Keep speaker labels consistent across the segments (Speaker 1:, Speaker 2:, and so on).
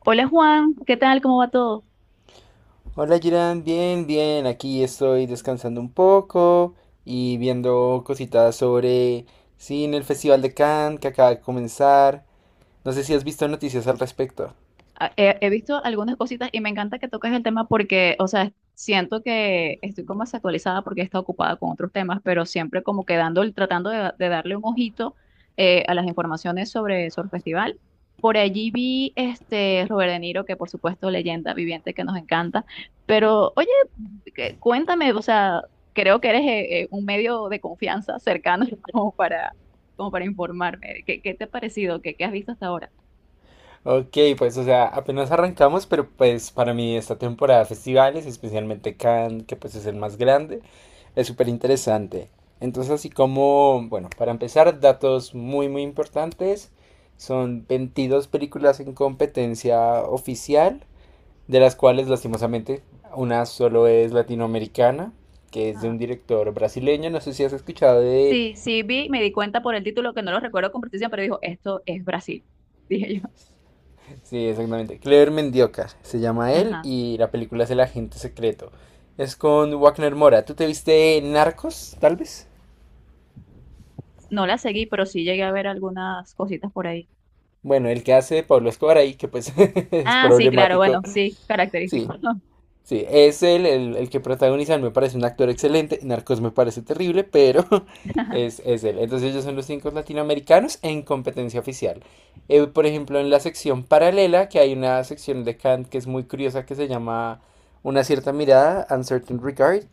Speaker 1: Hola Juan, ¿qué tal? ¿Cómo va todo?
Speaker 2: Hola Jiran, bien, bien, aquí estoy descansando un poco y viendo cositas sobre, sí, en el Festival de Cannes que acaba de comenzar. No sé si has visto noticias al respecto.
Speaker 1: He visto algunas cositas y me encanta que toques el tema porque, o sea, siento que estoy como desactualizada porque he estado ocupada con otros temas, pero siempre como que tratando de darle un ojito a las informaciones sobre Surf Festival. Por allí vi este Robert De Niro, que por supuesto leyenda viviente que nos encanta, pero oye, cuéntame, o sea, creo que eres un medio de confianza cercano como para, como para informarme. ¿Qué, qué te ha parecido? ¿Qué, qué has visto hasta ahora?
Speaker 2: Ok, pues o sea, apenas arrancamos, pero pues para mí esta temporada de festivales, especialmente Cannes, que pues es el más grande, es súper interesante. Entonces, así como, bueno, para empezar, datos muy, muy importantes. Son 22 películas en competencia oficial de las cuales lastimosamente una solo es latinoamericana, que es de un director brasileño, no sé si has escuchado de...
Speaker 1: Sí, sí vi, me di cuenta por el título que no lo recuerdo con precisión, pero dijo, esto es Brasil, dije yo.
Speaker 2: Sí, exactamente, Clever Mendioca, se llama él,
Speaker 1: Ajá.
Speaker 2: y la película es El Agente Secreto. Es con Wagner Moura. ¿Tú te viste Narcos, tal vez?
Speaker 1: No la seguí, pero sí llegué a ver algunas cositas por ahí.
Speaker 2: Bueno, el que hace Pablo Escobar ahí, que pues es
Speaker 1: Ah, sí, claro,
Speaker 2: problemático.
Speaker 1: bueno, sí,
Speaker 2: Sí,
Speaker 1: característico.
Speaker 2: sí, es él el que protagoniza, me parece un actor excelente, Narcos me parece terrible, pero es él. Entonces ellos son los cinco latinoamericanos en competencia oficial. Por ejemplo, en la sección paralela, que hay una sección de Kant que es muy curiosa, que se llama Una cierta mirada, Uncertain Regard.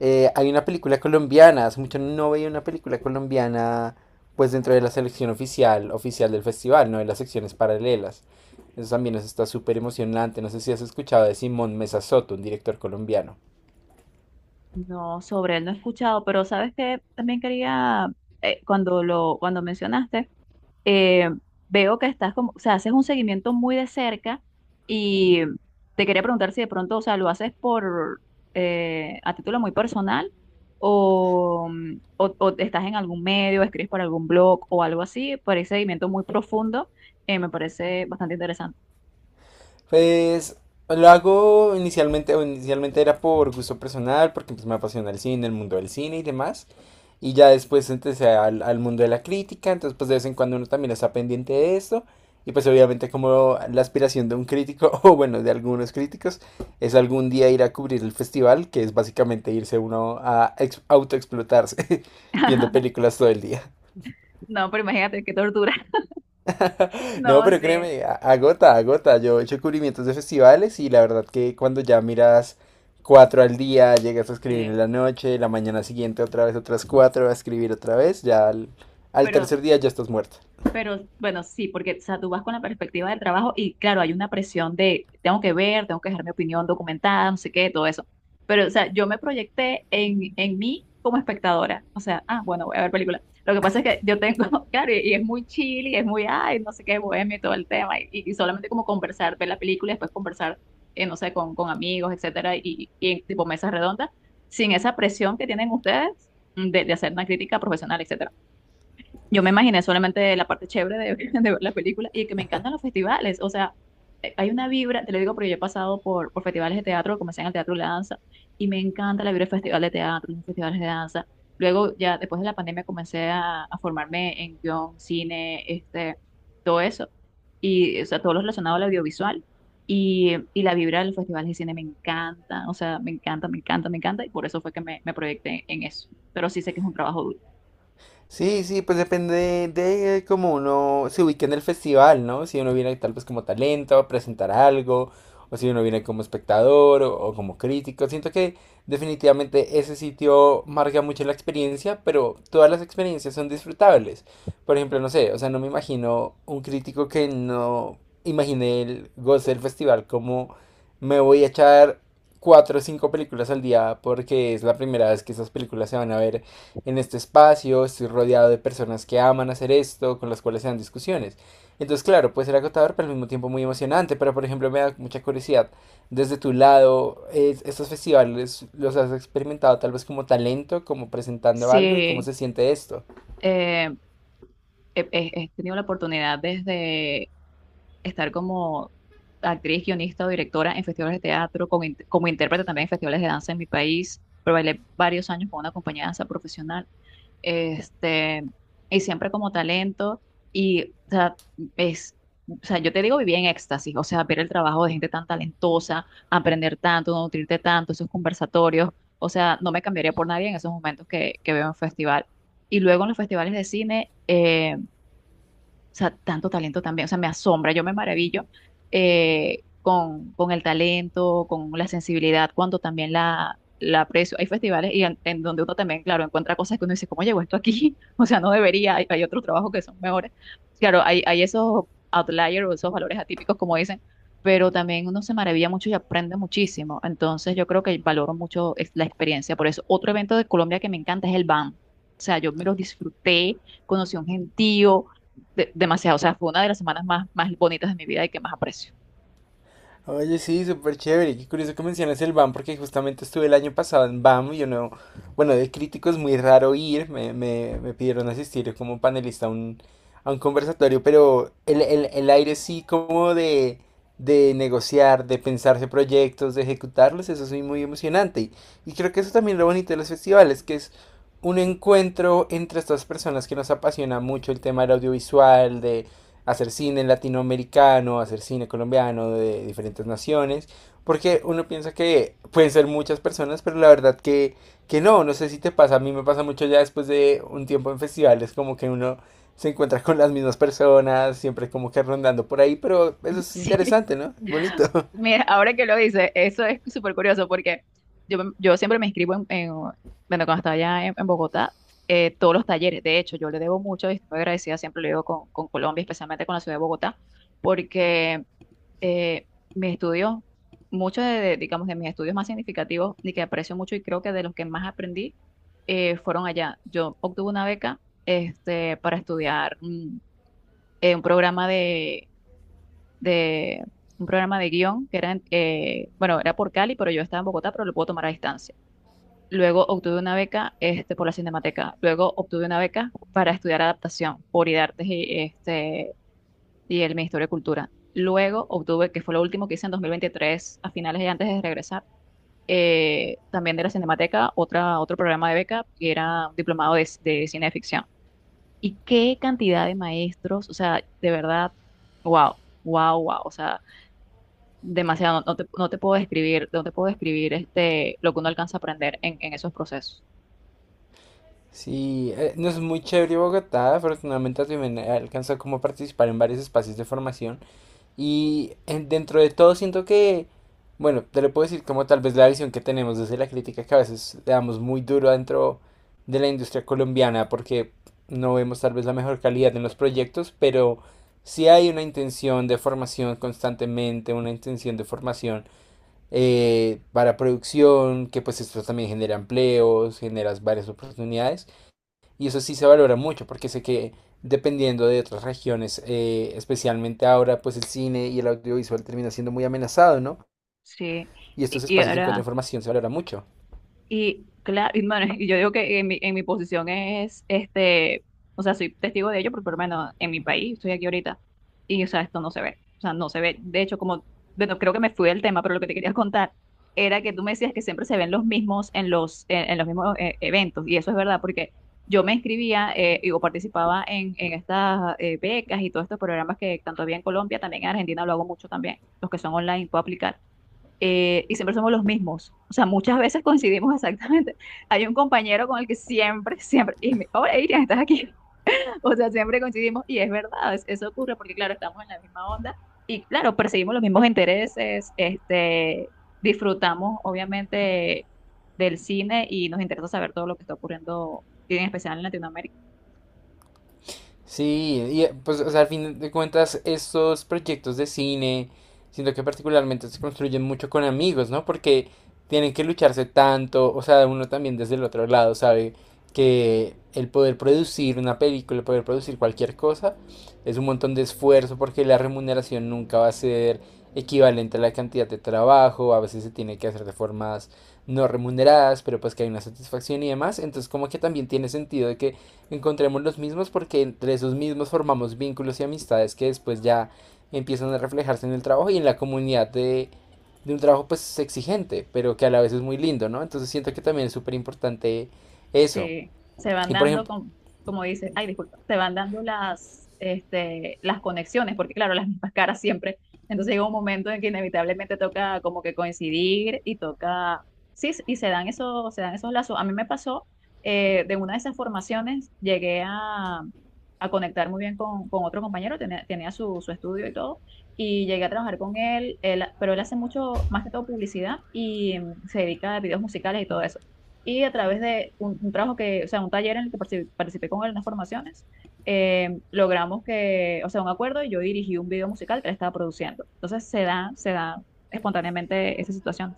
Speaker 2: Hay una película colombiana, hace mucho no veía una película colombiana, pues dentro de la selección oficial, oficial del festival, no de las secciones paralelas. Eso también nos está súper emocionante. No sé si has escuchado de Simón Mesa Soto, un director colombiano.
Speaker 1: No, sobre él no he escuchado, pero sabes que también quería, cuando lo, cuando mencionaste, eh, veo que estás como, o sea, haces un seguimiento muy de cerca y te quería preguntar si de pronto, o sea, lo haces por, a título muy personal o, o estás en algún medio, escribes para algún blog o algo así, por ese seguimiento muy profundo. Eh, me parece bastante interesante.
Speaker 2: Pues lo hago inicialmente, o inicialmente era por gusto personal, porque pues, me apasiona el cine, el mundo del cine y demás. Y ya después empecé al mundo de la crítica, entonces pues de vez en cuando uno también está pendiente de esto. Y pues obviamente como la aspiración de un crítico, o bueno, de algunos críticos, es algún día ir a cubrir el festival, que es básicamente irse uno a autoexplotarse viendo películas todo el día.
Speaker 1: No, pero imagínate qué tortura. No,
Speaker 2: No, pero
Speaker 1: sí,
Speaker 2: créeme, agota, agota. Yo he hecho cubrimientos de festivales y la verdad que cuando ya miras cuatro al día, llegas a escribir
Speaker 1: sí,
Speaker 2: en la noche, la mañana siguiente otra vez otras cuatro, a escribir otra vez, ya al, al
Speaker 1: pero...
Speaker 2: tercer día ya estás muerto.
Speaker 1: Pero bueno, sí, porque o sea, tú vas con la perspectiva del trabajo y claro, hay una presión de tengo que ver, tengo que dejar mi opinión documentada, no sé qué, todo eso. Pero, o sea, yo me proyecté en mí como espectadora. O sea, ah, bueno, voy a ver película. Lo que pasa es que yo tengo, claro, y es muy chill y es muy, ay, no sé qué, bohemio y todo el tema. Y solamente como conversar, ver la película y después conversar, no sé, con amigos, etcétera, y en tipo mesas redondas, sin esa presión que tienen ustedes de hacer una crítica profesional, etcétera. Yo me imaginé solamente la parte chévere de, de ver la película y que me encantan los festivales. O sea, hay una vibra, te lo digo porque yo he pasado por festivales de teatro, comencé en el teatro de la danza y me encanta la vibra del festival de teatro, los festivales de danza. Luego, ya después de la pandemia, comencé a formarme en guión, cine, este, todo eso. Y, o sea, todo lo relacionado al audiovisual. Y la vibra de los festivales de cine me encanta, o sea, me encanta, me encanta, me encanta, y por eso fue que me proyecté en eso. Pero sí sé que es un trabajo duro.
Speaker 2: Sí, sí, pues depende de cómo uno se ubique en el festival, ¿no? Si uno viene tal vez como talento a presentar algo, o si uno viene como espectador o como crítico. Siento que definitivamente ese sitio marca mucho la experiencia, pero todas las experiencias son disfrutables. Por ejemplo, no sé, o sea, no me imagino un crítico que no imagine el goce del festival como me voy a echar cuatro o cinco películas al día porque es la primera vez que esas películas se van a ver en este espacio, estoy rodeado de personas que aman hacer esto, con las cuales se dan discusiones. Entonces, claro, puede ser agotador, pero al mismo tiempo muy emocionante. Pero, por ejemplo, me da mucha curiosidad. Desde tu lado, ¿estos festivales los has experimentado tal vez como talento, como presentando algo y cómo
Speaker 1: Sí,
Speaker 2: se siente esto?
Speaker 1: eh, he tenido la oportunidad desde estar como actriz, guionista o directora en festivales de teatro, como, como intérprete también en festivales de danza en mi país, pero bailé varios años con una compañía de danza profesional, este, y siempre como talento, y o sea, es, o sea, yo te digo, viví en éxtasis, o sea, ver el trabajo de gente tan talentosa, aprender tanto, no nutrirte tanto, esos conversatorios, o sea, no me cambiaría por nadie en esos momentos que veo en festival. Y luego en los festivales de cine, o sea, tanto talento también, o sea, me asombra, yo me maravillo con el talento, con la sensibilidad, cuando también la aprecio. Hay festivales y en donde uno también, claro, encuentra cosas que uno dice, ¿cómo llegó esto aquí? O sea, no debería, hay otros trabajos que son mejores. Claro, hay esos outliers o esos valores atípicos, como dicen, pero también uno se maravilla mucho y aprende muchísimo. Entonces, yo creo que valoro mucho es la experiencia. Por eso, otro evento de Colombia que me encanta es el BAM. O sea, yo me los disfruté, conocí a un gentío, demasiado. O sea, fue una de las semanas más, más bonitas de mi vida y que más aprecio.
Speaker 2: Oye, sí, súper chévere. Qué curioso que mencionas el BAM, porque justamente estuve el año pasado en BAM y yo no. Bueno, de crítico es muy raro ir. Me pidieron asistir como panelista a un conversatorio, pero el aire sí, como de negociar, de pensarse proyectos, de ejecutarlos, eso es muy, muy emocionante. Y creo que eso también es lo bonito de los festivales, que es un encuentro entre estas personas que nos apasiona mucho el tema del audiovisual, hacer cine latinoamericano, hacer cine colombiano de diferentes naciones, porque uno piensa que pueden ser muchas personas, pero la verdad que no, no sé si te pasa, a mí me pasa mucho ya después de un tiempo en festivales, como que uno se encuentra con las mismas personas, siempre como que rondando por ahí, pero eso es
Speaker 1: Sí,
Speaker 2: interesante, ¿no? Bonito.
Speaker 1: mira, ahora que lo dices, eso es súper curioso porque yo, yo siempre me inscribo en, bueno, cuando estaba allá en Bogotá, todos los talleres. De hecho, yo le debo mucho y estoy agradecida, siempre lo digo con Colombia, especialmente con la ciudad de Bogotá, porque eh, mis estudios, muchos de, digamos, de mis estudios más significativos y que aprecio mucho y creo que de los que más aprendí fueron allá. Yo obtuve una beca este, para estudiar. Un programa de, de- un programa de guión que era, bueno, era por Cali, pero yo estaba en Bogotá, pero lo puedo tomar a distancia. Luego obtuve una beca este, por la Cinemateca. Luego obtuve una beca para estudiar adaptación por IDARTES y, este, y el Ministerio de Cultura. Luego obtuve, que fue lo último que hice en 2023, a finales y antes de regresar, también de la Cinemateca, otra, otro programa de beca, que era un diplomado de cineficción y qué cantidad de maestros, o sea, de verdad, wow, wow, wow, o sea, demasiado, no, no te, no te puedo describir, no te puedo describir este, lo que uno alcanza a aprender en esos procesos.
Speaker 2: Sí, no es muy chévere Bogotá, afortunadamente también he alcanzado como a participar en varios espacios de formación. Dentro de todo siento que, bueno, te lo puedo decir como tal vez la visión que tenemos desde la crítica que a veces le damos muy duro dentro de la industria colombiana porque no vemos tal vez la mejor calidad en los proyectos, pero sí hay una intención de formación constantemente, una intención de formación para producción, que pues esto también genera empleos, genera varias oportunidades. Y eso sí se valora mucho porque sé que dependiendo de otras regiones, especialmente ahora, pues el cine y el audiovisual termina siendo muy amenazado, ¿no?
Speaker 1: Sí,
Speaker 2: Y estos
Speaker 1: y
Speaker 2: espacios de encuentro de
Speaker 1: ahora...
Speaker 2: información se valora mucho.
Speaker 1: Y claro, y, bueno, y yo digo que en mi posición es, este, o sea, soy testigo de ello, pero por lo menos en mi país, estoy aquí ahorita, y o sea, esto no se ve, o sea, no se ve. De hecho, como, bueno, creo que me fui del tema, pero lo que te quería contar era que tú me decías que siempre se ven los mismos en los mismos eventos, y eso es verdad, porque yo me inscribía y, o participaba en estas becas y todos estos programas que tanto había en Colombia, también en Argentina lo hago mucho también, los que son online, puedo aplicar. Eh, y siempre somos los mismos. O sea, muchas veces coincidimos exactamente. Hay un compañero con el que siempre, siempre, y me, hola Irian, estás aquí. O sea, siempre coincidimos y es verdad, eso ocurre porque, claro, estamos en la misma onda y, claro, perseguimos los mismos intereses, este, disfrutamos, obviamente, del cine y nos interesa saber todo lo que está ocurriendo, y en especial en Latinoamérica.
Speaker 2: Sí, y pues o sea, al fin de cuentas estos proyectos de cine, siento que particularmente se construyen mucho con amigos, ¿no? Porque tienen que lucharse tanto, o sea, uno también desde el otro lado sabe que el poder producir una película, el poder producir cualquier cosa, es un montón de esfuerzo porque la remuneración nunca va a ser equivalente a la cantidad de trabajo, a veces se tiene que hacer de formas no remuneradas, pero pues que hay una satisfacción y demás, entonces como que también tiene sentido de que encontremos los mismos porque entre esos mismos formamos vínculos y amistades que después ya empiezan a reflejarse en el trabajo y en la comunidad de un trabajo pues exigente, pero que a la vez es muy lindo, ¿no? Entonces siento que también es súper importante eso.
Speaker 1: Se,
Speaker 2: Y por ejemplo,
Speaker 1: como dices, ay, disculpa, se van dando las, este, las conexiones, porque claro, las mismas caras siempre. Entonces llega un momento en que inevitablemente toca como que coincidir y toca, sí, y se dan esos lazos. A mí me pasó, de una de esas formaciones, llegué a conectar muy bien con otro compañero, tenía, tenía su, su estudio y todo. Y llegué a trabajar con él, pero él hace mucho, más que todo publicidad y se dedica a videos musicales y todo eso y a través de un trabajo que, o sea, un taller en el que participé, participé con él en las formaciones, logramos que, o sea, un acuerdo y yo dirigí un video musical que él estaba produciendo. Entonces se da espontáneamente esa situación.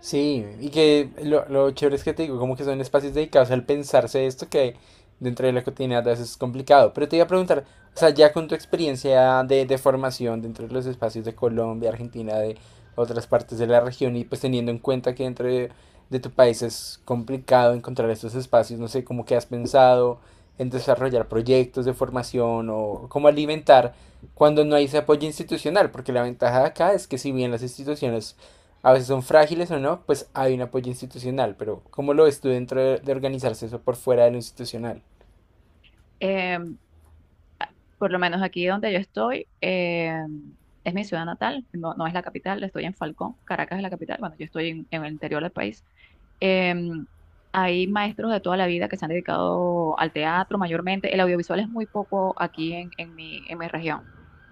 Speaker 2: sí, y que lo chévere es que te digo, como que son espacios dedicados al pensarse esto que dentro de la cotidianidad a veces es complicado. Pero te iba a preguntar, o sea, ya con tu experiencia de formación dentro de los espacios de Colombia, Argentina, de otras partes de la región, y pues teniendo en cuenta que dentro de tu país es complicado encontrar estos espacios, no sé, cómo que has pensado en desarrollar proyectos de formación o cómo alimentar cuando no hay ese apoyo institucional, porque la ventaja de acá es que si bien las instituciones a veces son frágiles o no, pues hay un apoyo institucional, pero ¿cómo lo ves tú dentro de organizarse eso por fuera de lo institucional?
Speaker 1: Eh, por lo menos aquí donde yo estoy, es mi ciudad natal, no, no es la capital, estoy en Falcón, Caracas es la capital, bueno, yo estoy en el interior del país. Em, hay maestros de toda la vida que se han dedicado al teatro mayormente. El audiovisual es muy poco aquí en mi región,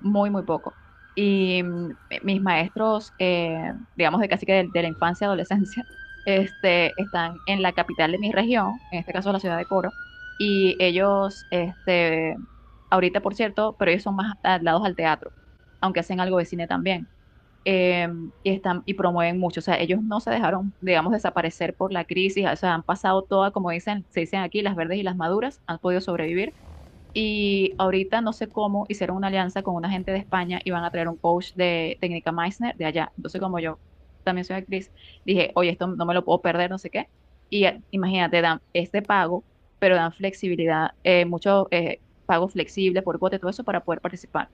Speaker 1: muy, muy poco. Y mis maestros, digamos de casi que de la infancia, adolescencia, este, están en la capital de mi región, en este caso la ciudad de Coro, y ellos, este, ahorita por cierto, pero ellos son más adaptados al teatro, aunque hacen algo de cine también. Eh, y están y promueven mucho. O sea, ellos no se dejaron, digamos, desaparecer por la crisis. O sea, han pasado todas, como dicen, se dicen aquí, las verdes y las maduras, han podido sobrevivir. Y ahorita no sé cómo hicieron una alianza con una gente de España y van a traer un coach de técnica Meissner de allá. Entonces, como yo también soy actriz, dije, oye, esto no me lo puedo perder, no sé qué. Y imagínate, dan este pago, pero dan flexibilidad, mucho pago flexible por cuota y todo eso para poder participar.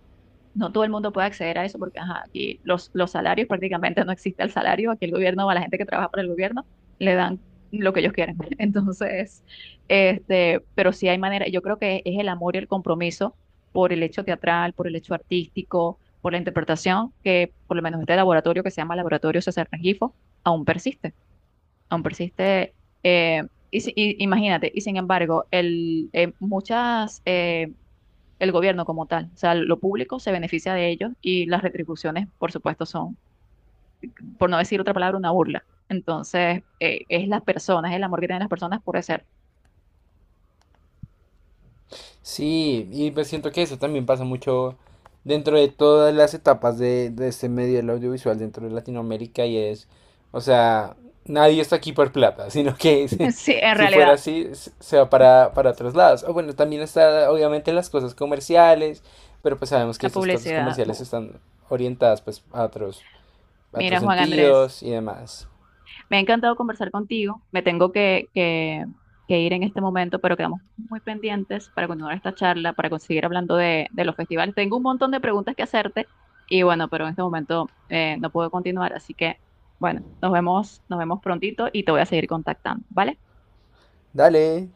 Speaker 1: No todo el mundo puede acceder a eso porque ajá, aquí los salarios prácticamente no existe el salario, aquí el gobierno a la gente que trabaja para el gobierno le dan lo que ellos quieren. Entonces, este, pero sí hay manera, yo creo que es el amor y el compromiso por el hecho teatral, por el hecho artístico, por la interpretación, que por lo menos este laboratorio que se llama Laboratorio César Rengifo, aún persiste, aún persiste. Eh, y, imagínate, y sin embargo, el, muchas... el gobierno como tal. O sea, lo público se beneficia de ellos y las retribuciones, por supuesto, son, por no decir otra palabra, una burla. Entonces, es las personas, el amor que tienen las personas por hacer,
Speaker 2: Sí, y pues siento que eso también pasa mucho dentro de todas las etapas de este medio del audiovisual dentro de Latinoamérica y es, o sea, nadie está aquí por plata, sino que
Speaker 1: sí, en
Speaker 2: si
Speaker 1: realidad,
Speaker 2: fuera así, se va para otros lados. O bueno, también está obviamente las cosas comerciales, pero pues sabemos que
Speaker 1: la
Speaker 2: estas cosas
Speaker 1: publicidad.
Speaker 2: comerciales están orientadas pues a
Speaker 1: Mira,
Speaker 2: otros
Speaker 1: Juan Andrés,
Speaker 2: sentidos y demás.
Speaker 1: me ha encantado conversar contigo. Me tengo que ir en este momento, pero quedamos muy pendientes para continuar esta charla, para seguir hablando de los festivales. Tengo un montón de preguntas que hacerte y bueno, pero en este momento no puedo continuar, así que bueno, nos vemos prontito y te voy a seguir contactando, ¿vale?
Speaker 2: Dale.